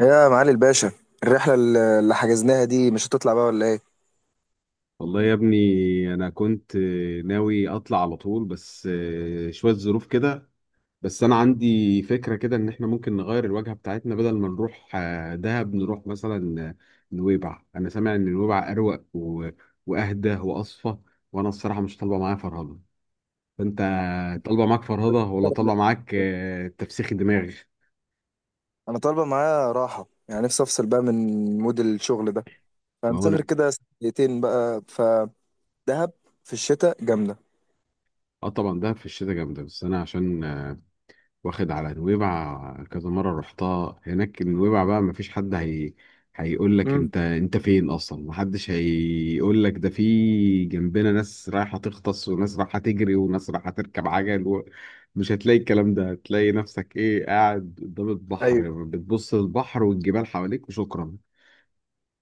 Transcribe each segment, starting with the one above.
يا معالي الباشا، الرحلة اللي حجزناها دي مش هتطلع بقى ولا ايه؟ والله يا ابني، انا كنت ناوي اطلع على طول بس شوية ظروف كده. بس انا عندي فكرة كده ان احنا ممكن نغير الوجهة بتاعتنا، بدل ما نروح دهب نروح مثلا نويبع. انا سامع ان نويبع اروق واهدى واصفى. وانا الصراحة مش طالبة معايا فرهضة. فانت طالبة معاك فرهضة ولا طالبة معاك تفسيخ دماغ؟ انا طالبة معايا راحة، يعني نفسي افصل بقى من مود الشغل ده، ما هو فهنسافر انا. كده. سنتين بقى فدهب في الشتاء جامدة. اه طبعا، دهب في الشتاء جامدة، بس انا عشان واخد على نويبع كذا مرة رحتها. هناك نويبع بقى مفيش حد، هي هيقول لك امم. انت فين اصلا، محدش هيقول لك ده. في جنبنا ناس رايحة تغطس وناس رايحة تجري وناس رايحة تركب عجل مش هتلاقي الكلام ده، هتلاقي نفسك ايه، قاعد قدام ايوه. البحر بتبص للبحر والجبال حواليك وشكرا.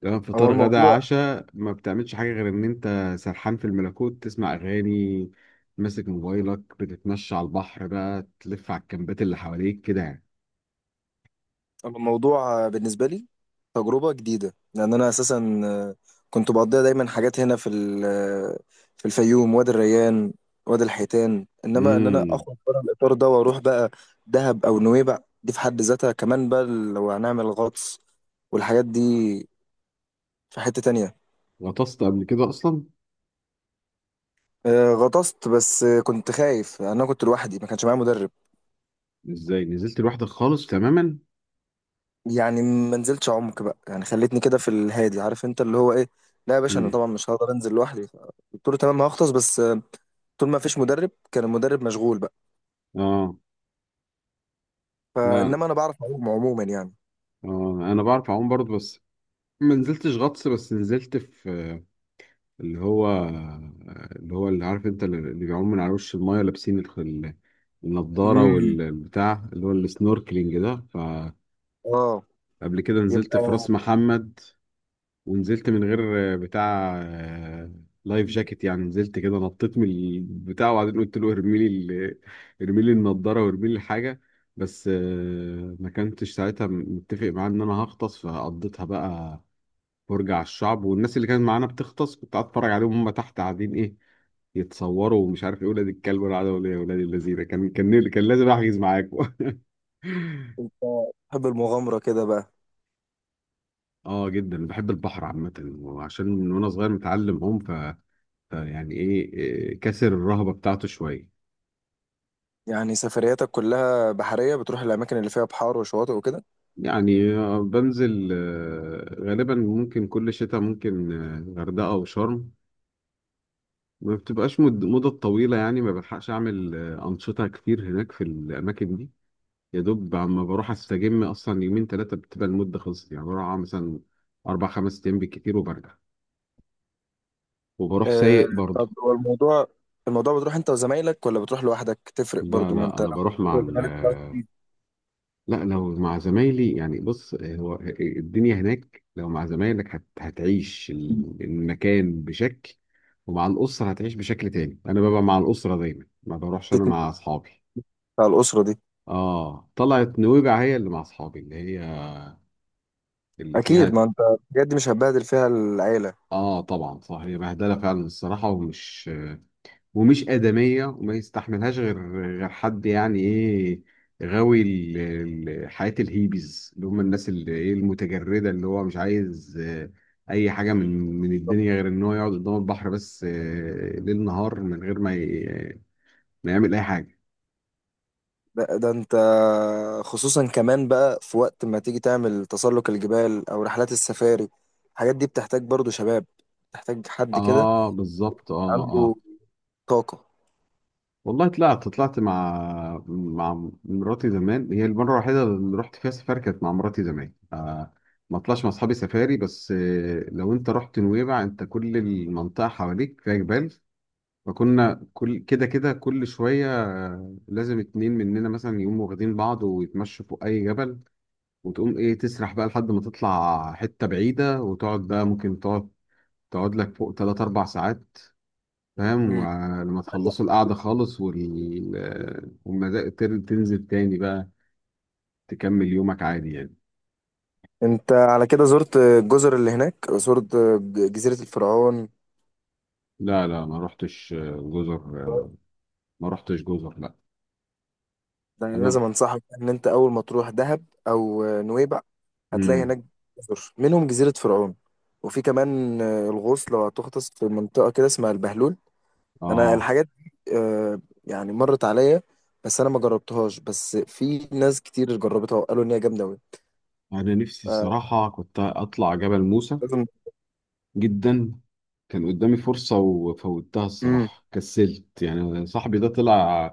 تمام، هو فطار غدا الموضوع عشاء، ما بتعملش حاجة غير إن أنت سرحان في الملكوت، تسمع أغاني ماسك موبايلك، بتتمشى على البحر بقى تلف على الكامبات اللي حواليك كده يعني. الموضوع بالنسبة لي تجربة جديدة، لأن أنا أساسا كنت بقضيها دايما حاجات هنا في ال- آه، في الفيوم، وادي الريان، وادي الحيتان. إنما إن أنا امم. أخرج بره الإطار ده وأروح بقى دهب أو نويبع، دي في حد ذاتها كمان بقى لو هنعمل غطس والحاجات دي، في حتة تانية. غطست قبل كده أصلا؟ غطست، بس كنت خايف، أنا كنت لوحدي ما كانش معايا مدرب. إزاي نزلت لوحدك خالص تماما؟ يعني ما نزلتش عمق بقى، يعني خليتني كده في الهادي، عارف انت اللي هو ايه. لا يا باشا، انا امم. طبعا مش هقدر انزل لوحدي. قلت له تمام هغطس، بس طول ما فيش مدرب، كان المدرب مشغول بقى، آه. لا، فانما انا بعرف اعوم عموما يعني. آه أنا بعرف أعوم برضه، بس ما نزلتش غطس، بس نزلت في اللي هو اللي هو اللي عارف أنت، اللي بيعوم من على وش الماية لابسين النضارة امم. والبتاع اللي هو السنوركلينج ده. اه. قبل كده نزلت في يبقى راس محمد، ونزلت من غير بتاع لايف جاكيت، يعني نزلت كده نطيت من البتاع وبعدين قلت له ارمي لي النضاره وارمي لي الحاجه. بس ما كنتش ساعتها متفق معاه ان انا هغطس، فقضيتها بقى فرجة على الشعب، والناس اللي كانت معانا بتغطس كنت قاعد اتفرج عليهم، هم تحت قاعدين ايه، يتصوروا ومش عارف ايه، ولاد الكلب ولا عادة ولا ايه، يا ولاد اللذينه كان لازم احجز معاكم. انت تحب المغامره كده بقى، اه جدا بحب البحر عامة، وعشان من وانا صغير متعلم هم، ف يعني ايه إيه، كسر الرهبة بتاعته شوية. يعني سفرياتك كلها بحريه، بتروح الاماكن اللي فيها بحار وشواطئ وكده. يعني بنزل غالبا ممكن كل شتاء، ممكن غردقة او شرم، ما بتبقاش مدة طويلة يعني، ما بلحقش اعمل انشطة كتير هناك في الاماكن دي. يا دوب اما بروح استجم اصلا يومين ثلاثة، بتبقى المدة خلصت يعني، بروح أقعد مثلا اربع خمس ايام بالكتير وبرجع، وبروح آه. سايق برضه. طب هو الموضوع بتروح انت وزمايلك ولا بتروح لوحدك تفرق لا، برضو؟ ما لا، انت لو انا بتروح بروح مع وزمايلك بتعرف لا، لو مع زمايلي يعني، بص هو الدنيا هناك لو مع زمايلك هتعيش المكان بشكل، ومع الأسرة هتعيش بشكل تاني. أنا ببقى مع الأسرة دايما، ما بروحش أنا مع تتنقل أصحابي. على الاسره دي. آه طلعت نويبع هي اللي مع أصحابي، اللي اكيد، فيها. ما انت بجد مش هتبهدل فيها العيله. آه طبعا صح، هي بهدلة فعلا الصراحة، ومش آدمية، وما يستحملهاش غير حد يعني إيه، غاوي حياة الهيبيز، اللي هم الناس اللي إيه المتجردة، اللي هو مش عايز أي حاجة من الدنيا، غير إن هو يقعد قدام البحر بس ليل نهار، من غير ما ما يعمل أي حاجة. ده انت خصوصا، كمان بقى في وقت ما تيجي تعمل تسلق الجبال او رحلات السفاري، الحاجات دي بتحتاج برضو شباب، بتحتاج حد كده آه بالظبط، آه عنده آه. طاقه. والله طلعت مع مراتي زمان، هي المرة الوحيدة اللي رحت فيها سفاري كانت مع مراتي زمان، ما طلعش مع أصحابي سفاري. بس لو أنت رحت نويبع، أنت كل المنطقة حواليك فيها جبال، فكنا كل كده كده كل شوية لازم اتنين مننا مثلا يقوموا واخدين بعض ويتمشوا فوق أي جبل. وتقوم إيه تسرح بقى لحد ما تطلع حتة بعيدة، وتقعد بقى، ممكن تقعد لك فوق تلات أربع ساعات. فاهم؟ مم. ولما تخلصوا القعدة خالص والمزاج تنزل تاني بقى، تكمل يومك عادي يعني. انت على كده زرت الجزر اللي هناك، زرت جزيره الفرعون؟ لا، لا، ما رحتش جزر، ما رحتش جزر، لا. ده أنا انا. لازم انصحك ان انت اول ما تروح دهب او نويبع هتلاقي امم. هناك جزر منهم جزيره فرعون، وفي كمان الغوص لو هتغطس في منطقه كده اسمها البهلول. انا اه الحاجات دي يعني مرت عليا، بس انا ما جربتهاش، بس في ناس كتير جربتها وقالوا ان هي جامده قوي. انا نفسي الصراحة كنت اطلع جبل موسى، لازم. جدا. كان قدامي فرصة وفوتها امم. الصراحة، كسلت يعني. صاحبي ده طلع،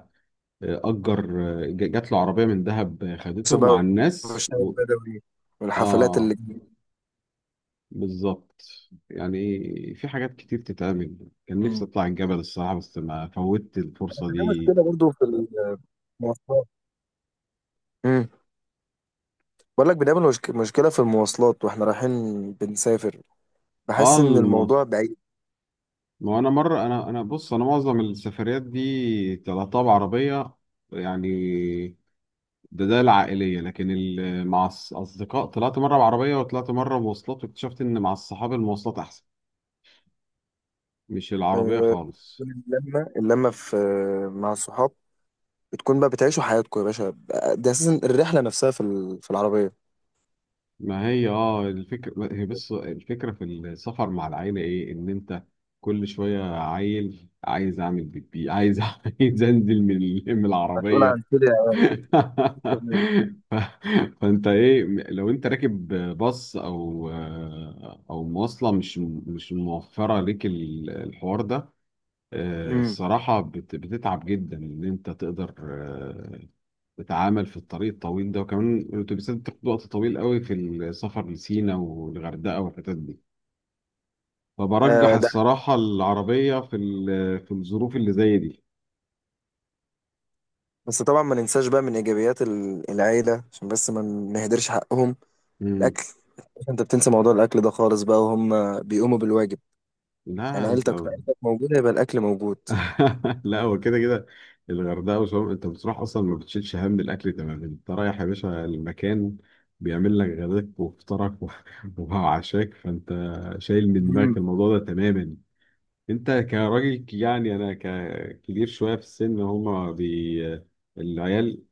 أجر، جات له عربية من دهب، خدته مع سباق، الناس والشاي البدوي، والحفلات آه اللي... بالظبط يعني، في حاجات كتير تتعمل، كان مم. نفسي اطلع الجبل الصراحه، بس ما فوتت الفرصه في دي. مشكله برضو في المواصلات. امم. بقول لك بنقابل مشكله في المواصلات، واحنا رايحين بنسافر اه بحس ان الموضوع بعيد. ما هو انا مره، انا بص، انا معظم السفريات دي طلعتها بعربيه يعني، ده العائليه، لكن مع الاصدقاء طلعت مره بعربيه وطلعت مره مواصلات، واكتشفت ان مع الصحاب المواصلات احسن، مش العربيه خالص. بتكون اللمه اللمه في، مع الصحاب بتكون بقى بتعيشوا حياتكم يا باشا، ده اساسا الرحله نفسها في العربيه، ما هي اه، الفكرة هي، بس الفكرة في السفر مع العيلة ايه، ان انت كل شوية عيل عايز اعمل بيبي، عايز عايز انزل من من مسؤول العربية. عن كده. ف... فانت ايه لو انت راكب باص او مواصلة، مش موفرة ليك الحوار ده، امم. الصراحة بتتعب جدا، ان انت تقدر تتعامل في الطريق الطويل ده. وكمان الأتوبيسات بتاخد وقت طويل قوي في السفر لسينا والغردقة والحتت دي، فبرجح آه. ده الصراحة العربية في في الظروف اللي زي دي. بس طبعا ما ننساش بقى من ايجابيات العيله، عشان بس ما نهدرش حقهم: مم. الاكل. انت بتنسى موضوع الاكل ده خالص بقى، وهم بيقوموا بالواجب، يعني لا انت. عيلتك موجوده يبقى الاكل موجود. لا هو كده كده، الغردقة وشرم انت بتروح اصلا ما بتشيلش هم الاكل تماما، انت رايح يا باشا، المكان بيعمل لك غداك وفطارك وعشاك، فانت شايل من دماغك امم. الموضوع ده تماما. انت كراجل يعني انا ككبير شويه في السن، هما العيال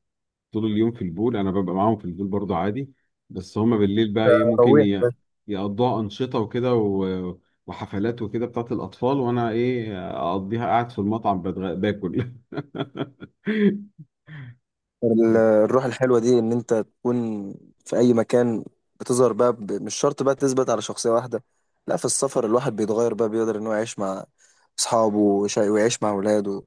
طول اليوم في البول، انا ببقى معاهم في البول برضو عادي. بس هما بالليل بقى ايه، ممكن روح بس. يقضوها انشطه وكده وحفلات وكده بتاعت الاطفال، وانا ايه، اقضيها قاعد في المطعم باكل. الروح الحلوه دي، ان انت تكون في اي مكان بتظهر بقى، مش شرط بقى تثبت على شخصيه واحده، لا في السفر الواحد بيتغير بقى، بيقدر ان هو يعيش مع اصحابه ويعيش مع اولاده،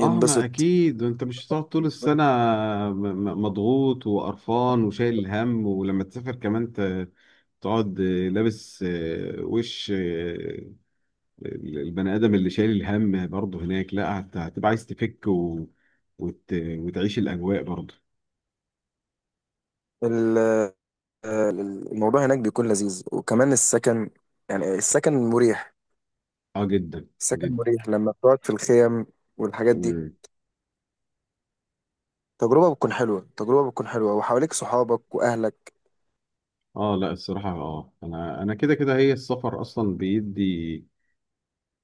اه ما اكيد، انت مش هتقعد طول السنه م- مضغوط وقرفان وشايل الهم، ولما تسافر كمان تقعد لابس وش البني ادم اللي شايل الهم برضه هناك. لا، هتبقى عايز تفك وتعيش الاجواء برضه. ال- الموضوع هناك بيكون لذيذ، وكمان السكن، يعني السكن مريح، اه جدا السكن جدا. مريح لما بتقعد في الخيم والحاجات دي. مم. تجربة بتكون حلوة، تجربة بتكون حلوة، وحواليك صحابك وأهلك. اه لا الصراحه، اه انا كده كده هي، السفر اصلا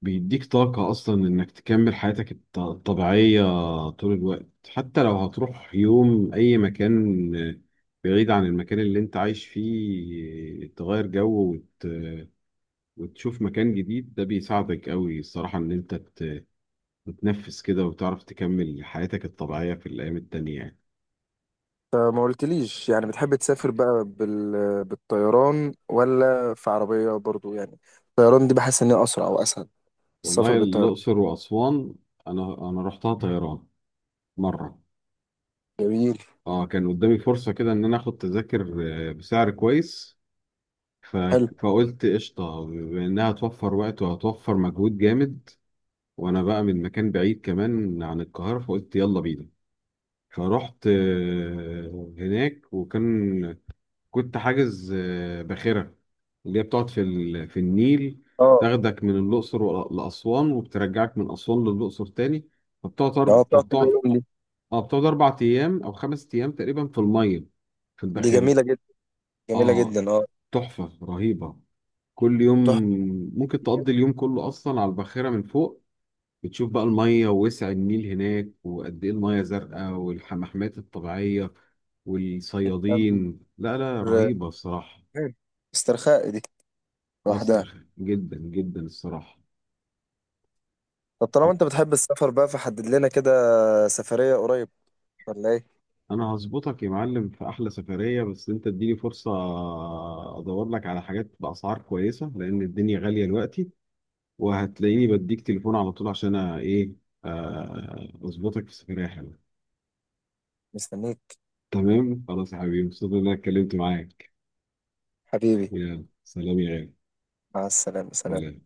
بيديك طاقه اصلا، انك تكمل حياتك الطبيعيه طول الوقت. حتى لو هتروح يوم اي مكان بعيد عن المكان اللي انت عايش فيه، تغير جو وتشوف مكان جديد، ده بيساعدك قوي الصراحه، ان انت بتنفس كده وتعرف تكمل حياتك الطبيعية في الأيام التانية يعني. فما قلتليش، يعني بتحب تسافر بقى بالطيران ولا في عربية برضو يعني؟ الطيران دي بحس إن هي أسرع أو أسهل، السفر والله بالطيران. الأقصر وأسوان، أنا رحتها طيران مرة. جميل. أه كان قدامي فرصة كده إن أنا آخد تذاكر بسعر كويس، ف... حلو. فقلت قشطة، بإنها هتوفر وقت وهتوفر مجهود جامد، وأنا بقى من مكان بعيد كمان عن القاهرة، فقلت يلا بينا. فرحت هناك، كنت حاجز باخرة، اللي هي بتقعد في في النيل، اه. تاخدك من الأقصر لأسوان، وبترجعك من أسوان للأقصر تاني. اه، بتقعد كذا فبتقعد. يوم دي؟ اه بتقعد أربع أيام أو خمس أيام تقريبا، في المية، في دي الباخرة. جميلة جدا، جميلة اه جدا اه. تحفة رهيبة، كل يوم تحفة. ممكن تقضي اليوم كله أصلا على الباخرة من فوق، بتشوف بقى المية ووسع النيل هناك وقد إيه، المية زرقاء والحمامات الطبيعية والصيادين، لا لا رهيبة الصراحة، استرخاء دي لوحدها. أثر جدا جدا الصراحة. طب طالما طب انت بتحب السفر بقى، فحدد لنا كده سفرية قريب ولا ايه؟ أنا هظبطك يا معلم في أحلى سفرية، بس أنت اديني فرصة أدور لك على حاجات بأسعار كويسة، لأن الدنيا غالية دلوقتي، وهتلاقيني بديك تليفون على طول عشان أ- إيه آه، أظبطك في سفرية حلوة. مستنيك. تمام خلاص يا حبيبي، مبسوط إن أنا اتكلمت معاك. حبيبي. يا سلام يا غالي. مع السلامة، سلام. سلام.